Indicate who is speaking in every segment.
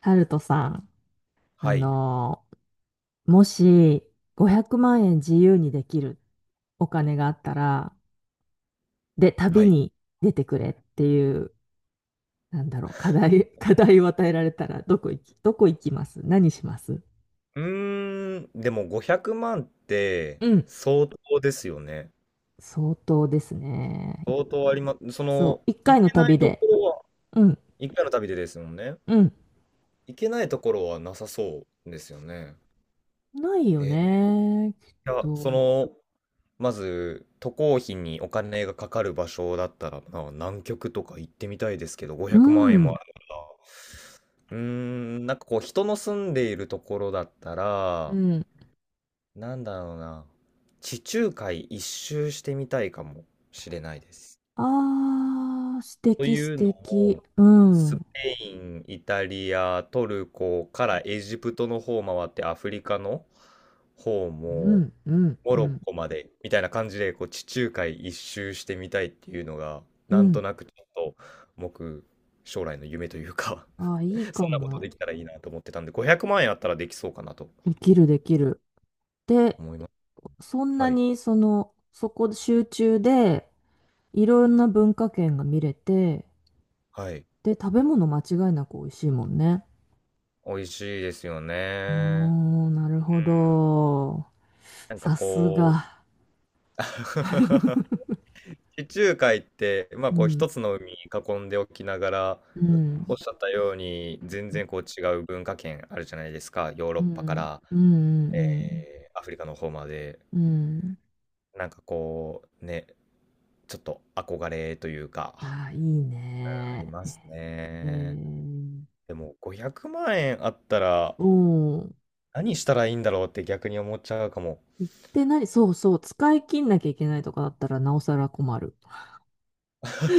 Speaker 1: タルトさん、あ
Speaker 2: はい。
Speaker 1: のーもし500万円自由にできるお金があったら、で、
Speaker 2: は
Speaker 1: 旅
Speaker 2: い。
Speaker 1: に出てくれっていう、なんだろう、課題、課題を与えられたら、どこ行きます？何します？
Speaker 2: うーん、でも500万って
Speaker 1: うん。
Speaker 2: 相当ですよね。
Speaker 1: 相当ですね。
Speaker 2: 相当ありま、す。
Speaker 1: そう、一
Speaker 2: 行
Speaker 1: 回
Speaker 2: け
Speaker 1: の
Speaker 2: な
Speaker 1: 旅
Speaker 2: いと
Speaker 1: で。
Speaker 2: ころは、
Speaker 1: うん、
Speaker 2: 1回の旅でですもんね。
Speaker 1: うん。
Speaker 2: 行けないところはなさそうですよね。
Speaker 1: ないよ
Speaker 2: い
Speaker 1: ね、きっ
Speaker 2: や、
Speaker 1: と。
Speaker 2: まず、渡航費にお金がかかる場所だったら、まあ南極とか行ってみたいですけど、
Speaker 1: う
Speaker 2: 500万円も
Speaker 1: ん、
Speaker 2: ある。うーん、なんかこう、人の住んでいるところだった
Speaker 1: う
Speaker 2: ら、
Speaker 1: ん。
Speaker 2: なんだろうな。地中海一周してみたいかもしれないです。
Speaker 1: あー、素
Speaker 2: と
Speaker 1: 敵、素
Speaker 2: いうの
Speaker 1: 敵。
Speaker 2: も、
Speaker 1: うん、
Speaker 2: ス
Speaker 1: う
Speaker 2: ペイン、イタリア、トルコからエジプトの方を回ってアフリカの方も
Speaker 1: ん、うん、
Speaker 2: モ
Speaker 1: う
Speaker 2: ロッ
Speaker 1: ん。
Speaker 2: コまでみたいな感じでこう地中海一周してみたいっていうのが
Speaker 1: う
Speaker 2: なんと
Speaker 1: ん
Speaker 2: なくちょっと僕将来の夢というか
Speaker 1: ああ、いい
Speaker 2: そ
Speaker 1: か
Speaker 2: んなこと
Speaker 1: も。
Speaker 2: できたらいいなと思ってたんで500万円あったらできそうかなと
Speaker 1: できる、できる。で、
Speaker 2: 思います。
Speaker 1: そん
Speaker 2: は
Speaker 1: な
Speaker 2: い。
Speaker 1: に、その、そこ集中で、いろんな文化圏が見れて、
Speaker 2: はい。
Speaker 1: で、食べ物間違いなく美味しいもんね。
Speaker 2: 美味しいですよね。う
Speaker 1: うー
Speaker 2: ん。
Speaker 1: ん、なるほど。
Speaker 2: なんか
Speaker 1: さす
Speaker 2: こう
Speaker 1: が。
Speaker 2: 地中海って、まあ
Speaker 1: う
Speaker 2: こう
Speaker 1: ん、
Speaker 2: 一つの海に囲んでおきながら、
Speaker 1: う
Speaker 2: おっ
Speaker 1: ん、
Speaker 2: しゃったように全然こう違う文化圏あるじゃないですか。ヨーロ
Speaker 1: う
Speaker 2: ッパか
Speaker 1: ん、
Speaker 2: ら、
Speaker 1: うん、う
Speaker 2: えー
Speaker 1: ん、
Speaker 2: アフリカの方まで。
Speaker 1: うん。うん。
Speaker 2: なんかこうね、ちょっと憧れというか、
Speaker 1: ああ、いい
Speaker 2: あり
Speaker 1: ね。
Speaker 2: ます
Speaker 1: え
Speaker 2: ね。
Speaker 1: ー、
Speaker 2: でも500万円あったら
Speaker 1: うん。
Speaker 2: 何したらいいんだろうって逆に思っちゃうかも。
Speaker 1: 行ってない、そうそう、使い切んなきゃいけないとかだったら、なおさら困る。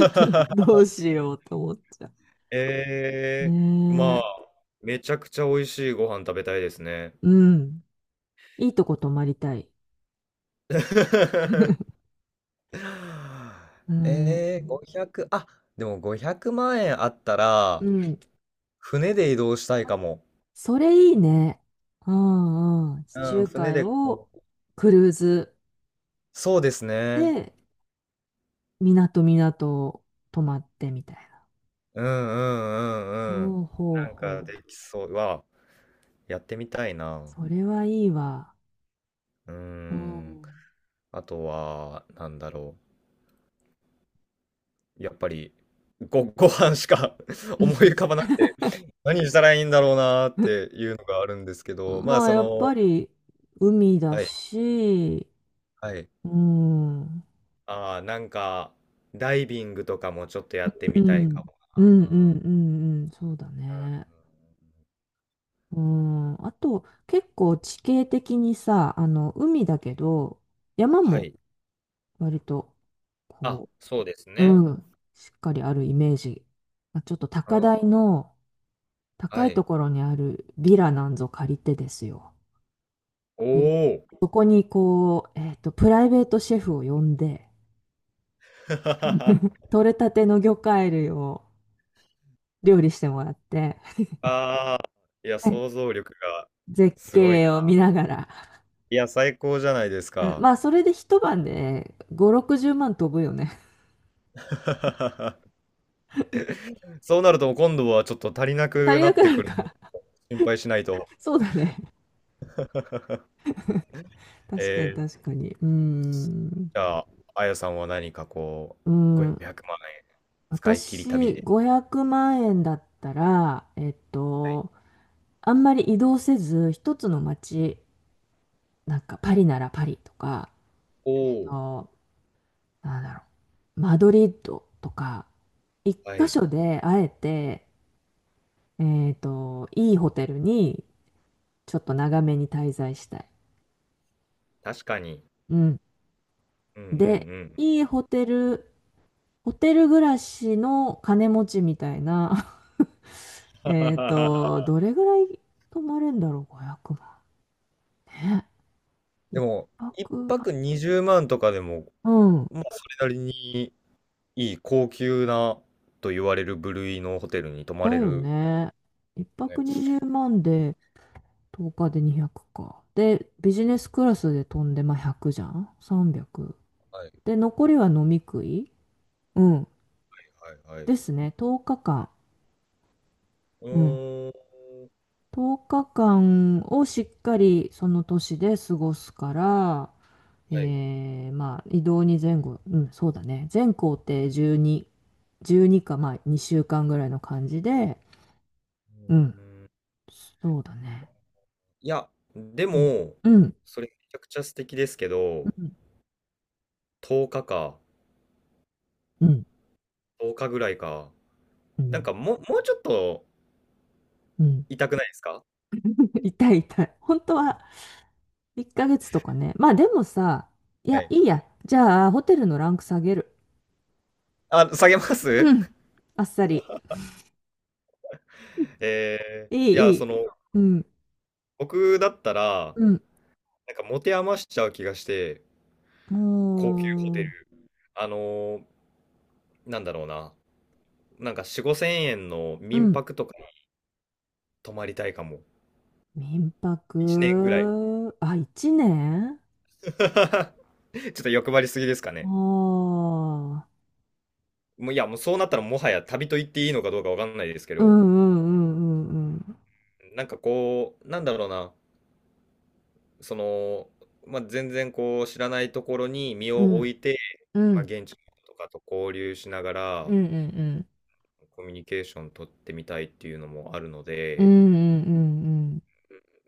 Speaker 1: どうしようと思っちゃう。
Speaker 2: ええ、
Speaker 1: ね
Speaker 2: まあ、
Speaker 1: え。
Speaker 2: めちゃくちゃ美味しいご飯食べたいですね。
Speaker 1: うん。いいとこ泊まりたい。うん。
Speaker 2: ええ、500、あ、でも500万円あった
Speaker 1: う
Speaker 2: ら、
Speaker 1: ん。
Speaker 2: 船で移動したいかも。
Speaker 1: それいいね。うんうん。地
Speaker 2: うん、
Speaker 1: 中
Speaker 2: 船
Speaker 1: 海
Speaker 2: でこ
Speaker 1: を
Speaker 2: う、
Speaker 1: クルーズ
Speaker 2: そうですね。
Speaker 1: で、港港泊まってみたいな。
Speaker 2: うんうんうんうん。
Speaker 1: ほうほう
Speaker 2: なんか
Speaker 1: ほう。
Speaker 2: できそう。はわ、やってみたいな。
Speaker 1: それはいいわ。
Speaker 2: うー
Speaker 1: う
Speaker 2: ん。
Speaker 1: ん。
Speaker 2: あとは、なんだろ、やっぱり、ご飯しか 思い浮かば なくて、何したらいいんだろうなっていうのがあるんですけど、まあ、
Speaker 1: まあ、やっぱり海だ
Speaker 2: はい、
Speaker 1: し、
Speaker 2: はい。
Speaker 1: うん。うん。
Speaker 2: ああ、なんか、ダイビングとかもちょっとやって
Speaker 1: う
Speaker 2: みたい
Speaker 1: ん
Speaker 2: かも
Speaker 1: うん
Speaker 2: な。う
Speaker 1: う
Speaker 2: んうん、
Speaker 1: んうん。そうだね。うん、あと結構地形的にさ、あの海だけど山
Speaker 2: は
Speaker 1: も
Speaker 2: い。
Speaker 1: 割と
Speaker 2: あ、
Speaker 1: こ
Speaker 2: そうです
Speaker 1: う、
Speaker 2: ね。
Speaker 1: うん、しっかりあるイメージ。まあ、ちょっと
Speaker 2: う
Speaker 1: 高台
Speaker 2: ん、
Speaker 1: の
Speaker 2: は
Speaker 1: 高い
Speaker 2: い。
Speaker 1: ところにあるビラなんぞ借りてですよ。
Speaker 2: お
Speaker 1: で、
Speaker 2: お。
Speaker 1: そこにこう、プライベートシェフを呼んで、
Speaker 2: あ
Speaker 1: 取れたての魚介類を料理してもらって、
Speaker 2: あ、いや、
Speaker 1: ね
Speaker 2: 想像力が
Speaker 1: 絶
Speaker 2: すごい
Speaker 1: 景を
Speaker 2: な。
Speaker 1: 見ながら。
Speaker 2: いや、最高じゃないです
Speaker 1: うん。
Speaker 2: か。
Speaker 1: まあ、それで一晩で5、60万飛ぶよね。
Speaker 2: そうなると今度はちょっと足りな
Speaker 1: 足
Speaker 2: く
Speaker 1: り
Speaker 2: な
Speaker 1: な
Speaker 2: っ
Speaker 1: く
Speaker 2: て
Speaker 1: なる
Speaker 2: くる。
Speaker 1: か。
Speaker 2: 心配しないと。
Speaker 1: そうだね。
Speaker 2: え
Speaker 1: 確かに
Speaker 2: ー、
Speaker 1: 確かに。うーん。
Speaker 2: じゃあ、あやさんは何かこう、
Speaker 1: うん。
Speaker 2: 500万円使い切り旅
Speaker 1: 私、
Speaker 2: で。
Speaker 1: 500万円だったら、
Speaker 2: はい。
Speaker 1: あんまり移動せず、一つの街、なんかパリならパリとか、
Speaker 2: お
Speaker 1: えっ
Speaker 2: お、
Speaker 1: と、なんだろう、マドリッドとか、一
Speaker 2: は
Speaker 1: 箇
Speaker 2: い。
Speaker 1: 所であえて、いいホテルにちょっと長めに滞在したい。
Speaker 2: 確かに。
Speaker 1: うん。
Speaker 2: うんうんう
Speaker 1: で、
Speaker 2: ん。
Speaker 1: いいホテル、ホテル暮らしの金持ちみたいな。どれぐらい泊まれんだろう、500万。ね。
Speaker 2: で
Speaker 1: 一
Speaker 2: も、一
Speaker 1: 泊、
Speaker 2: 泊20万とかでも、
Speaker 1: うん。
Speaker 2: まあ、それなりにいい高級なと言われる部類のホテルに泊ま
Speaker 1: だ
Speaker 2: れ
Speaker 1: よ
Speaker 2: る、
Speaker 1: ね。一
Speaker 2: ね。
Speaker 1: 泊20万で、10日で200か。で、ビジネスクラスで飛んで、まあ、100じゃん ?300。
Speaker 2: はい
Speaker 1: で、残りは飲み食い、うん、
Speaker 2: はいはい。
Speaker 1: ですね。10日間。
Speaker 2: う
Speaker 1: うん。
Speaker 2: ーん、
Speaker 1: 10日間をしっかりその年で過ごすから、
Speaker 2: はい。う
Speaker 1: まあ、移動に前後、うん、そうだね。全行程12、12か、まあ、2週間ぐらいの感じで、
Speaker 2: ー
Speaker 1: うん、
Speaker 2: ん、
Speaker 1: そうだね。
Speaker 2: いや、で
Speaker 1: うん、
Speaker 2: も、
Speaker 1: うん、
Speaker 2: それめちゃくちゃ素敵ですけ
Speaker 1: う
Speaker 2: ど、
Speaker 1: ん、
Speaker 2: 10日かか。
Speaker 1: う
Speaker 2: 10日ぐらいか。
Speaker 1: ん、
Speaker 2: なんか、もうちょっと
Speaker 1: うん。
Speaker 2: 痛くないですか？
Speaker 1: 痛い痛い。本当は1ヶ月とかね。まあ、でもさ、い
Speaker 2: は
Speaker 1: や、
Speaker 2: い。
Speaker 1: いいや。じゃあ、ホテルのランク下げる。
Speaker 2: あ、下げま
Speaker 1: う
Speaker 2: す？
Speaker 1: ん、あっさり。
Speaker 2: ええ、
Speaker 1: い
Speaker 2: い
Speaker 1: い、
Speaker 2: や、
Speaker 1: いい。うん、
Speaker 2: 僕だったら、
Speaker 1: うん、
Speaker 2: なんか持て余しちゃう気がして、高級ホテル、
Speaker 1: も
Speaker 2: あのー、なんだろうな、なんか4、5千円の
Speaker 1: う、う
Speaker 2: 民
Speaker 1: ん。
Speaker 2: 泊とかに泊まりたいかも。
Speaker 1: 民
Speaker 2: 1年ぐらい。
Speaker 1: 泊、あ、1年。
Speaker 2: ちょっと欲張りすぎですか
Speaker 1: あ
Speaker 2: ね。
Speaker 1: あ、
Speaker 2: もう、いや、もうそうなったらもはや旅と言っていいのかどうかわかんないですけ
Speaker 1: うんう
Speaker 2: ど、
Speaker 1: んうんうん
Speaker 2: なんかこう、なんだろうな、その、まあ、全然こう知らないところに身
Speaker 1: う
Speaker 2: を置
Speaker 1: ん。
Speaker 2: いて、
Speaker 1: う
Speaker 2: まあ、
Speaker 1: ん
Speaker 2: 現地の人とかと交流しなが
Speaker 1: う
Speaker 2: ら
Speaker 1: んうんうん。
Speaker 2: コミュニケーション取ってみたいっていうのもあるの
Speaker 1: うん
Speaker 2: で、
Speaker 1: うんうん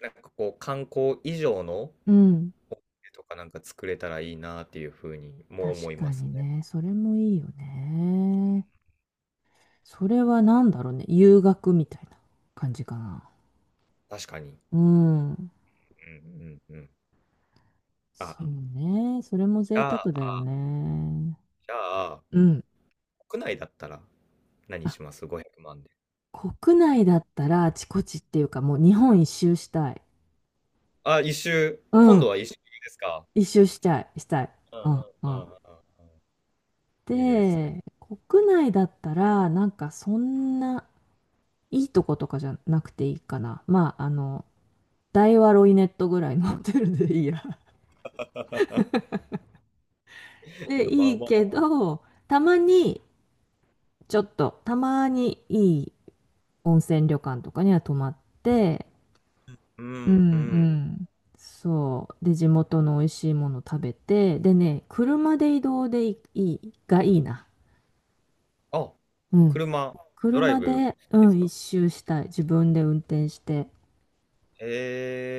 Speaker 2: なんかこう観光以上の
Speaker 1: うん。うん。
Speaker 2: 思いとかなんか作れたらいいなっていうふうにも
Speaker 1: 確
Speaker 2: 思い
Speaker 1: か
Speaker 2: ます
Speaker 1: に
Speaker 2: ね。
Speaker 1: ね。それもいいよね。それは何だろうね。遊学みたいな感じかな。
Speaker 2: 確かに。
Speaker 1: うん。
Speaker 2: うんうんうん。あ、
Speaker 1: そうね。それも
Speaker 2: じ
Speaker 1: 贅
Speaker 2: ゃ
Speaker 1: 沢だ
Speaker 2: あ、
Speaker 1: よね。
Speaker 2: じゃあ、
Speaker 1: うん。
Speaker 2: 国内だったら何
Speaker 1: あ、
Speaker 2: します ?500 万で。
Speaker 1: 国内だったらあちこちっていうかもう日本一周したい。
Speaker 2: あ、一周。
Speaker 1: う
Speaker 2: 今
Speaker 1: ん。
Speaker 2: 度は一周ですか？
Speaker 1: 一周したい。したい。
Speaker 2: うんう
Speaker 1: うんう
Speaker 2: んう
Speaker 1: ん。
Speaker 2: んうん。いいです
Speaker 1: で、
Speaker 2: ね。
Speaker 1: 国内だったら、なんかそんないいとことかじゃなくていいかな。まあ、あの、大和ロイネットぐらいのホテルでいいや。
Speaker 2: いや、
Speaker 1: で、
Speaker 2: ま
Speaker 1: い
Speaker 2: あ
Speaker 1: い
Speaker 2: ま
Speaker 1: け
Speaker 2: あ。
Speaker 1: ど、たまに、ちょっと、たまにいい温泉旅館とかには泊まって、
Speaker 2: う
Speaker 1: うん
Speaker 2: んう
Speaker 1: う
Speaker 2: ん。
Speaker 1: ん。そう。で、地元の美味しいもの食べて、でね、車で移動でいい、がいいな。
Speaker 2: あ、
Speaker 1: うん。
Speaker 2: 車、ドライ
Speaker 1: 車
Speaker 2: ブ好
Speaker 1: で、
Speaker 2: き
Speaker 1: う
Speaker 2: です
Speaker 1: ん、
Speaker 2: か？
Speaker 1: 一周したい。自分で運転して。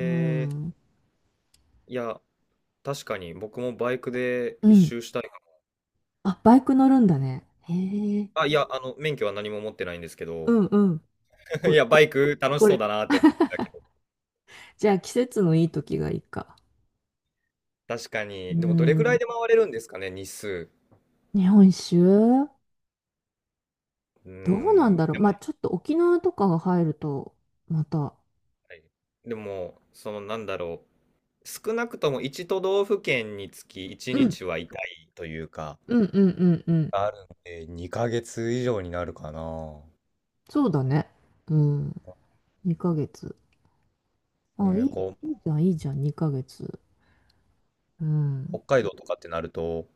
Speaker 1: う
Speaker 2: え、
Speaker 1: ん。
Speaker 2: いや、確かに僕もバイクで
Speaker 1: う
Speaker 2: 一
Speaker 1: ん。
Speaker 2: 周したいか
Speaker 1: あ、バイク乗るんだね。へえ。
Speaker 2: も。あ、いや、免許は何も持ってないんですけ
Speaker 1: う
Speaker 2: ど、
Speaker 1: んうん。こ
Speaker 2: い
Speaker 1: れ、
Speaker 2: や、バイ
Speaker 1: こ、
Speaker 2: ク楽し
Speaker 1: こ
Speaker 2: そう
Speaker 1: れ、
Speaker 2: だなって思ってたけど。
Speaker 1: じゃあ季節のいい時がいいか。
Speaker 2: 確か
Speaker 1: う
Speaker 2: に。でも、どれぐらい
Speaker 1: ん。
Speaker 2: で回れるんですかね、日数。
Speaker 1: 日本酒周
Speaker 2: う
Speaker 1: どうな
Speaker 2: ー
Speaker 1: ん
Speaker 2: ん。
Speaker 1: だろう。まあちょっと沖縄とかが入ると、また。
Speaker 2: はい、でも、なんだろう。少なくとも一都道府県につき1
Speaker 1: うん。
Speaker 2: 日はいたいというか、
Speaker 1: うんうんうんうん。
Speaker 2: あるんで、2ヶ月以上になるかな。
Speaker 1: そうだね。うん。2ヶ月。あ、
Speaker 2: ね、
Speaker 1: いい、
Speaker 2: こう、
Speaker 1: いいじゃん、いいじゃん、2ヶ月。う
Speaker 2: 北
Speaker 1: ん。
Speaker 2: 海道とかってなると、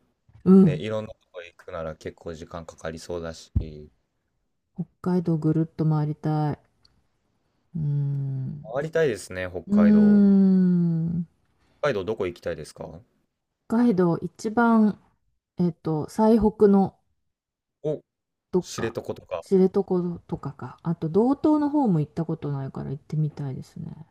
Speaker 1: う
Speaker 2: ね、
Speaker 1: ん。
Speaker 2: いろんなとこ行くなら結構時間かかりそうだし、
Speaker 1: 北海道ぐるっと回りたい。うーん。
Speaker 2: 回りたいですね、北
Speaker 1: うー
Speaker 2: 海道。
Speaker 1: ん。
Speaker 2: 北海道どこ行きたいですか？
Speaker 1: 北海道一番最北の
Speaker 2: お、
Speaker 1: どっ
Speaker 2: 知
Speaker 1: か、
Speaker 2: 床とか。
Speaker 1: 知床とかか、あと道東の方も行ったことないから行ってみたいですね。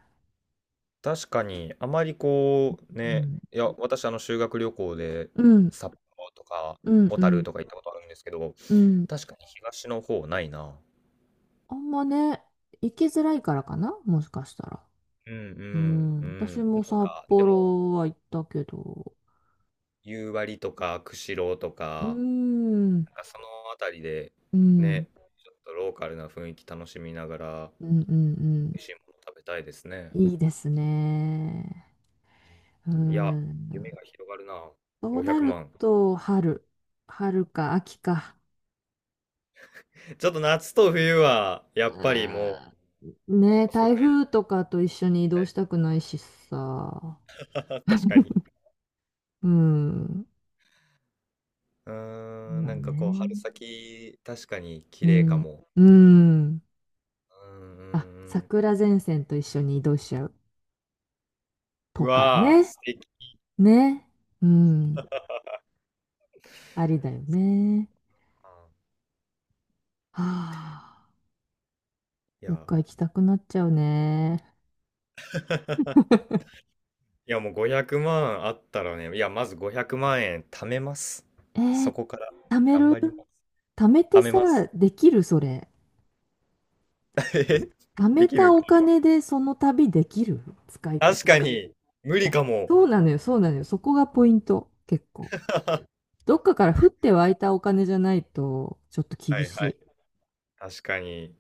Speaker 2: 確かに、あまりこう、
Speaker 1: う
Speaker 2: ね、
Speaker 1: ん。
Speaker 2: いや、私、修学旅行で
Speaker 1: うん、
Speaker 2: 札幌とか
Speaker 1: うん、
Speaker 2: 小
Speaker 1: う
Speaker 2: 樽
Speaker 1: ん、
Speaker 2: とか行ったことあるんですけど、
Speaker 1: うん。
Speaker 2: 確かに東の方ないな。
Speaker 1: あんまね、行きづらいからかな、もしかしたら。
Speaker 2: うんう
Speaker 1: う
Speaker 2: んう
Speaker 1: ん。
Speaker 2: ん。
Speaker 1: 私
Speaker 2: な
Speaker 1: も
Speaker 2: ん
Speaker 1: 札
Speaker 2: か、でも、
Speaker 1: 幌は行ったけど、
Speaker 2: 夕張とか、釧路と
Speaker 1: うー
Speaker 2: か、
Speaker 1: ん、
Speaker 2: なんかそのあたりで
Speaker 1: うん、うん、
Speaker 2: ね、ちょっとローカルな雰囲気楽しみながら、
Speaker 1: うん、
Speaker 2: 美味しいもの食べたいですね。
Speaker 1: うん。いいですね。う
Speaker 2: うん、いや、夢
Speaker 1: ん。
Speaker 2: が広がるな。
Speaker 1: そう
Speaker 2: 500
Speaker 1: なる
Speaker 2: 万。
Speaker 1: と、春か秋か。
Speaker 2: ちょっと夏と冬は、やっ
Speaker 1: う
Speaker 2: ぱりもう、
Speaker 1: ん
Speaker 2: こ
Speaker 1: ね、
Speaker 2: こ数
Speaker 1: 台風とかと一緒に移
Speaker 2: 年
Speaker 1: 動
Speaker 2: ね。
Speaker 1: したくないしさ。
Speaker 2: 確かに。
Speaker 1: うん。
Speaker 2: う
Speaker 1: そう
Speaker 2: ーん、
Speaker 1: だ
Speaker 2: なんかこう、
Speaker 1: ね。
Speaker 2: 春先、確かに
Speaker 1: う
Speaker 2: 綺麗か
Speaker 1: ん。
Speaker 2: も。
Speaker 1: うん。
Speaker 2: うんうんう
Speaker 1: あ、
Speaker 2: ん。
Speaker 1: 桜前線と一緒に移動しちゃう
Speaker 2: う
Speaker 1: とか
Speaker 2: わー、
Speaker 1: ね。
Speaker 2: 素敵。
Speaker 1: ね。うん。ありだよね。はあ。
Speaker 2: い
Speaker 1: どっ
Speaker 2: や、
Speaker 1: か行きたくなっちゃうね。
Speaker 2: いやもう500万あったらね、いや、まず500万円貯めます。
Speaker 1: えー、
Speaker 2: そこから
Speaker 1: 貯め
Speaker 2: 頑
Speaker 1: る
Speaker 2: 張ります。
Speaker 1: 貯めて
Speaker 2: 貯め
Speaker 1: さ、
Speaker 2: ます。
Speaker 1: できるそれ。
Speaker 2: え
Speaker 1: 貯
Speaker 2: で
Speaker 1: め
Speaker 2: きる
Speaker 1: た
Speaker 2: っ
Speaker 1: お
Speaker 2: ていうのは
Speaker 1: 金でその旅できる使い
Speaker 2: 確か
Speaker 1: 方。
Speaker 2: に、無
Speaker 1: い
Speaker 2: 理
Speaker 1: や、
Speaker 2: かも。
Speaker 1: そうなのよ、そうなのよ。そこがポイント。結構。
Speaker 2: は
Speaker 1: どっかから降って湧いたお金じゃないと、ちょっと厳
Speaker 2: い
Speaker 1: し
Speaker 2: はい。
Speaker 1: い。
Speaker 2: 確かに。